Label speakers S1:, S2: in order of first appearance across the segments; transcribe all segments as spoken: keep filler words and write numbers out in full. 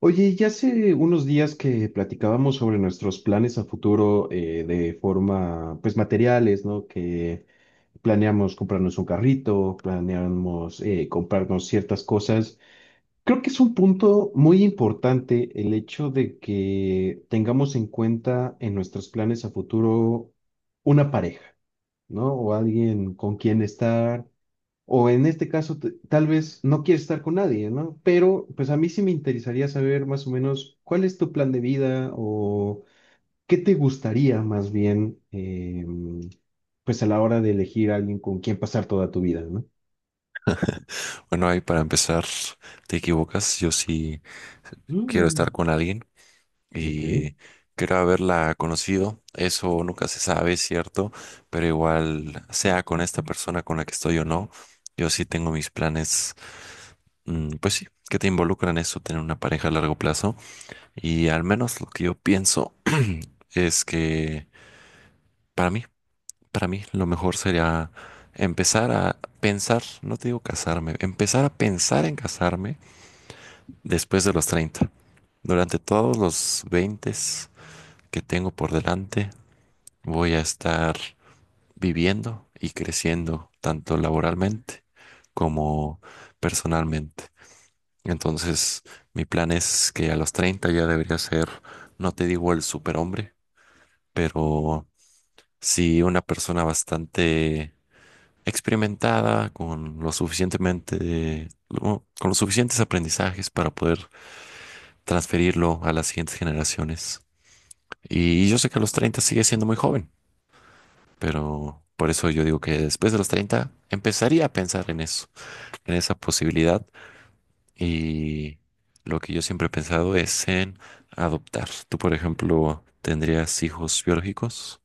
S1: Oye, ya hace unos días que platicábamos sobre nuestros planes a futuro eh, de forma, pues materiales, ¿no? Que planeamos comprarnos un carrito, planeamos eh, comprarnos ciertas cosas. Creo que es un punto muy importante el hecho de que tengamos en cuenta en nuestros planes a futuro una pareja, ¿no? O alguien con quien estar o en este caso, t- tal vez no quieres estar con nadie, ¿no? Pero pues a mí sí me interesaría saber más o menos cuál es tu plan de vida o qué te gustaría más bien, eh, pues a la hora de elegir a alguien con quien pasar toda tu vida, ¿no?
S2: Bueno, ahí para empezar, te equivocas. Yo sí quiero estar
S1: Mm.
S2: con alguien
S1: Ok.
S2: y quiero haberla conocido. Eso nunca se sabe, es cierto, pero igual, sea con esta persona con la que estoy o no, yo sí tengo mis planes, mm, pues sí, que te involucran eso, tener una pareja a largo plazo. Y al menos lo que yo pienso es que para mí, para mí, lo mejor sería empezar a pensar, no te digo casarme, empezar a pensar en casarme después de los treinta. Durante todos los veinte que tengo por delante, voy a estar viviendo y creciendo tanto laboralmente como personalmente. Entonces, mi plan es que a los treinta ya debería ser, no te digo el superhombre, pero sí una persona bastante experimentada, con lo suficientemente, lo- con los suficientes aprendizajes para poder transferirlo a las siguientes generaciones. Y yo sé que a los treinta sigue siendo muy joven, pero por eso yo digo que después de los treinta empezaría a pensar en eso, en esa posibilidad. Y lo que yo siempre he pensado es en adoptar. Tú, por ejemplo, ¿tendrías hijos biológicos?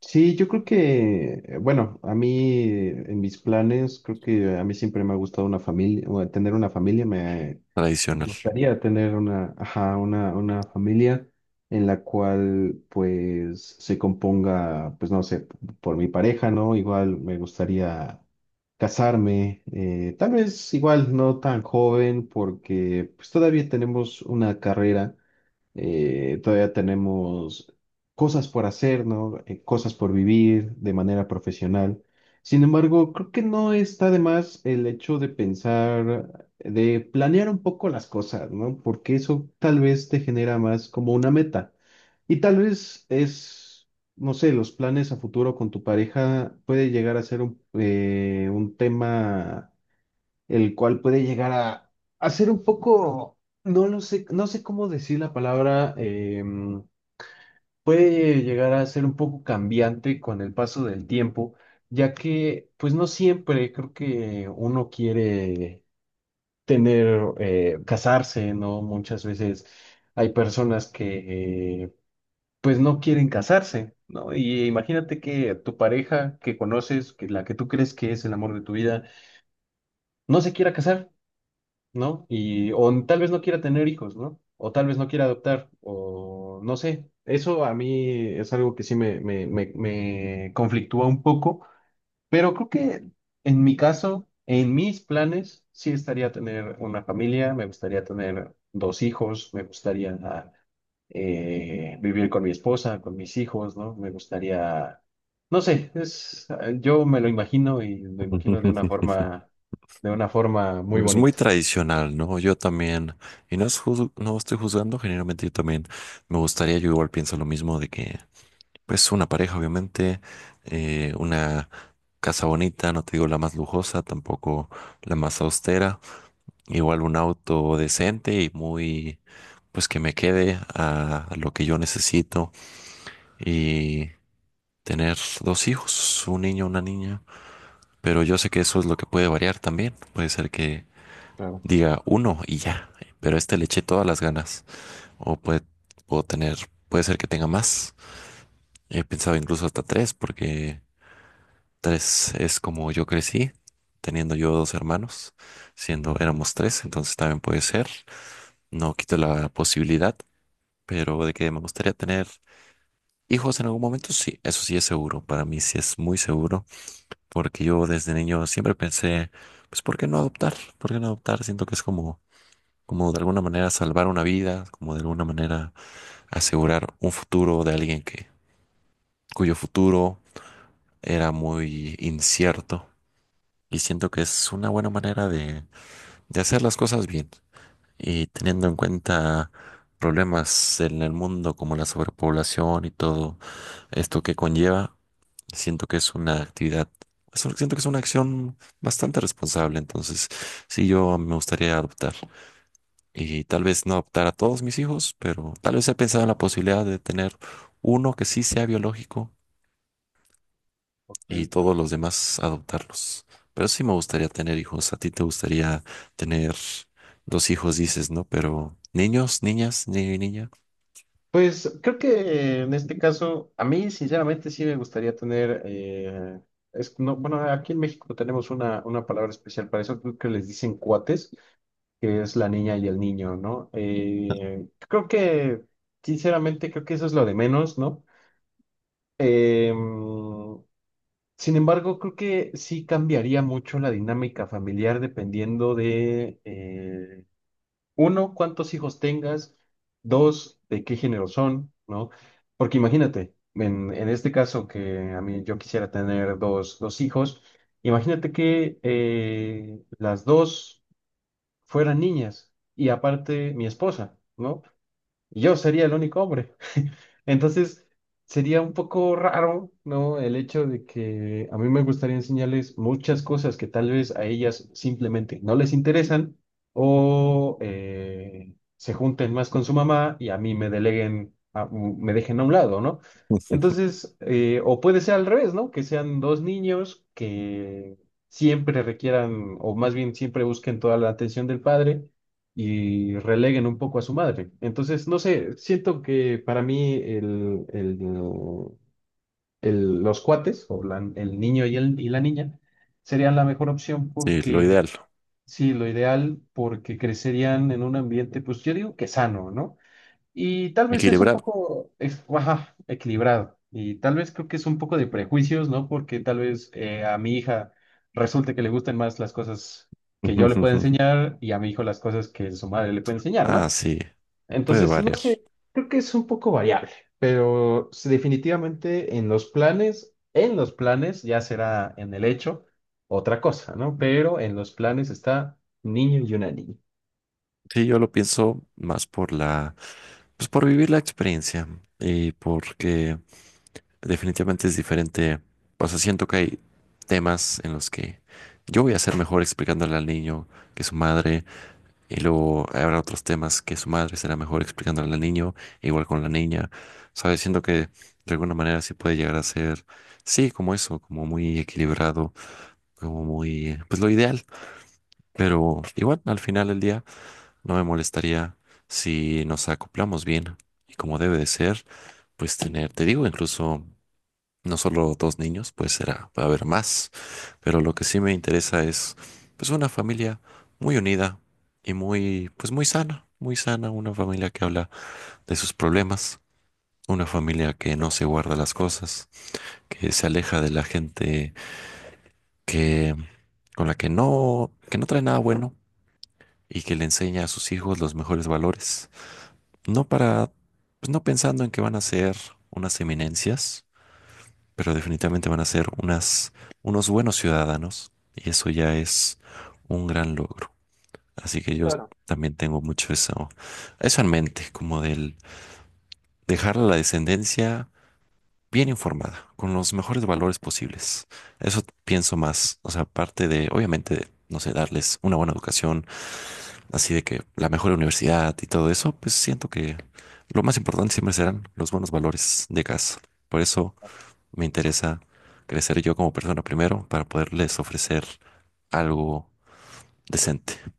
S1: Sí, yo creo que, eh, bueno, a mí eh, en mis planes, creo que a mí siempre me ha gustado una familia, o tener una familia, me... Me
S2: Tradicional.
S1: gustaría tener una, ajá, una, una familia en la cual pues se componga, pues no sé, por mi pareja, ¿no? Igual me gustaría casarme, eh, tal vez igual no tan joven porque pues todavía tenemos una carrera, eh, todavía tenemos cosas por hacer, ¿no? Eh, cosas por vivir de manera profesional. Sin embargo, creo que no está de más el hecho de pensar, de planear un poco las cosas, ¿no? Porque eso tal vez te genera más como una meta. Y tal vez es, no sé, los planes a futuro con tu pareja puede llegar a ser un, eh, un tema el cual puede llegar a, a ser un poco, no lo sé, no sé cómo decir la palabra, em, puede llegar a ser un poco cambiante con el paso del tiempo, ya que pues no siempre creo que uno quiere tener, eh, casarse, ¿no? Muchas veces hay personas que eh, pues no quieren casarse, ¿no? Y imagínate que tu pareja que conoces, que la que tú crees que es el amor de tu vida, no se quiera casar. ¿No? Y, o tal vez no quiera tener hijos, ¿no? O tal vez no quiera adoptar, o no sé. Eso a mí es algo que sí me, me, me, me conflictúa un poco, pero creo que en mi caso, en mis planes, sí estaría tener una familia, me gustaría tener dos hijos, me gustaría ah, eh, vivir con mi esposa, con mis hijos, ¿no? Me gustaría, no sé, es, ah, yo me lo imagino y lo imagino de una forma, de una forma muy
S2: Es muy
S1: bonita.
S2: tradicional, ¿no? Yo también, y no es juz- no estoy juzgando, generalmente yo también me gustaría, yo igual pienso lo mismo de que pues una pareja, obviamente, eh, una casa bonita, no te digo la más lujosa, tampoco la más austera, igual un auto decente y muy, pues que me quede a, lo que yo necesito y tener dos hijos, un niño, una niña, pero yo sé que eso es lo que puede variar también, puede ser que diga uno y ya, pero a este le eché todas las ganas, o puede, puedo tener, puede ser que tenga más, he pensado incluso hasta tres porque... Tres es como yo crecí, teniendo yo dos hermanos, siendo éramos tres, entonces también puede ser. No quito la posibilidad, pero de que me gustaría tener hijos en algún momento, sí, eso sí es seguro. Para mí sí es muy seguro, porque yo desde niño siempre pensé, pues, ¿por qué no adoptar? ¿Por qué no adoptar? Siento que es como, como de alguna manera salvar una vida, como de alguna manera asegurar un futuro de alguien que, cuyo futuro era muy incierto. Y siento que es una buena manera de de hacer las cosas bien y teniendo en cuenta problemas en el mundo como la sobrepoblación y todo esto que conlleva, siento que es una actividad, es un- siento que es una acción bastante responsable, entonces sí, yo me gustaría adoptar y tal vez no adoptar a todos mis hijos, pero tal vez he pensado en la posibilidad de tener uno que sí sea biológico y
S1: Ok.
S2: todos los demás adoptarlos. Pero sí me gustaría tener hijos. A ti te gustaría tener dos hijos, dices, ¿no? Pero niños, niñas, niño y niña.
S1: Pues creo que en este caso, a mí sinceramente sí me gustaría tener, eh, es, no, bueno, aquí en México tenemos una, una palabra especial para eso, creo que les dicen cuates, que es la niña y el niño, ¿no? Eh, creo que, sinceramente, creo que eso es lo de menos, ¿no? Em, sin embargo, creo que sí cambiaría mucho la dinámica familiar dependiendo de, eh, uno, cuántos hijos tengas. Dos, de qué género son, ¿no? Porque imagínate, en, en este caso que a mí yo quisiera tener dos, dos hijos, imagínate que eh, las dos fueran niñas y aparte mi esposa, ¿no? Y yo sería el único hombre. Entonces, sería un poco raro, ¿no? El hecho de que a mí me gustaría enseñarles muchas cosas que tal vez a ellas simplemente no les interesan o eh, se junten más con su mamá y a mí me deleguen, a- me dejen a un lado, ¿no? Entonces, eh, o puede ser al revés, ¿no? Que sean dos niños que siempre requieran, o más bien siempre busquen toda la atención del padre y releguen un poco a su madre. Entonces, no sé, siento que para mí el, el- el- los cuates, o la- el niño y, el, y la niña, serían la mejor opción
S2: Sí, lo
S1: porque,
S2: ideal,
S1: sí, lo ideal, porque crecerían en un ambiente, pues yo digo que sano, ¿no? Y tal vez es un
S2: equilibrado.
S1: poco, es- ajá, equilibrado. Y tal vez creo que es un poco de prejuicios, ¿no? Porque tal vez eh, a mi hija resulte que le gusten más las cosas que yo le pueda enseñar y a mi hijo las cosas que su madre le puede enseñar, ¿no?
S2: Ah, sí, puede
S1: Entonces, no
S2: variar.
S1: sé, creo que es un poco variable, pero sí, definitivamente en los planes, en los planes ya será en el hecho otra cosa, ¿no? Pero en los planes está un niño y una niña.
S2: Sí, yo lo pienso más por la, pues por vivir la experiencia y porque definitivamente es diferente. O sea, siento que hay temas en los que yo voy a ser mejor explicándole al niño que su madre. Y luego habrá otros temas que su madre será mejor explicándole al niño, igual con la niña, ¿sabes? Siento que de alguna manera sí puede llegar a ser, sí, como eso, como muy equilibrado, como muy, pues lo ideal. Pero igual, al final del día, no me molestaría si nos acoplamos bien y como debe de ser, pues tener, te digo, incluso no solo dos niños, pues será, va a haber más. Pero lo que sí me interesa es, pues, una familia muy unida y muy, pues, muy sana, muy sana, una familia que habla de sus problemas, una familia que no se guarda las cosas, que se aleja de la gente que, con la que no, que no trae nada bueno y que le enseña a sus hijos los mejores valores. No para, pues, no pensando en que van a ser unas eminencias pero definitivamente van a ser unas, unos buenos ciudadanos y eso ya es un gran logro. Así que yo
S1: Claro.
S2: también tengo mucho eso, eso en mente, como del dejar a la descendencia bien informada, con los mejores valores posibles. Eso pienso más, o sea, aparte de, obviamente, no sé, darles una buena educación, así de que la mejor universidad y todo eso, pues siento que lo más importante siempre serán los buenos valores de casa. Por eso... Me interesa crecer yo como persona primero para poderles ofrecer algo decente.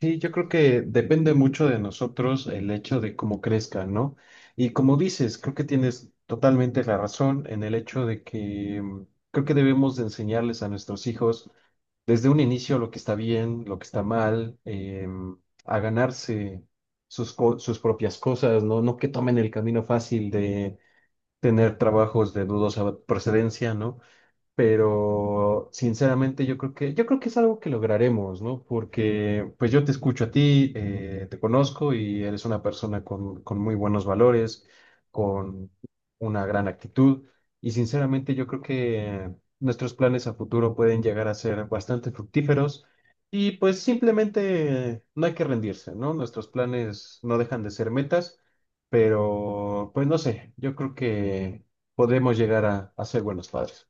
S1: Sí, yo creo que depende mucho de nosotros el hecho de cómo crezcan, ¿no? Y como dices, creo que tienes totalmente la razón en el hecho de que mm, creo que debemos de enseñarles a nuestros hijos desde un inicio lo que está bien, lo que está mal, em, a ganarse sus, co- sus propias cosas, ¿no? No que tomen el camino fácil de tener trabajos de dudosa procedencia, ¿no? Pero sinceramente yo creo que yo creo que es algo que lograremos, ¿no? Porque pues yo te escucho a ti, eh, te conozco y eres una persona con, con muy buenos valores, con una gran actitud y sinceramente yo creo que nuestros planes a futuro pueden llegar a ser bastante fructíferos y pues simplemente no hay que rendirse, ¿no? Nuestros planes no dejan de ser metas, pero pues no sé, yo creo que podemos llegar a, a ser buenos padres.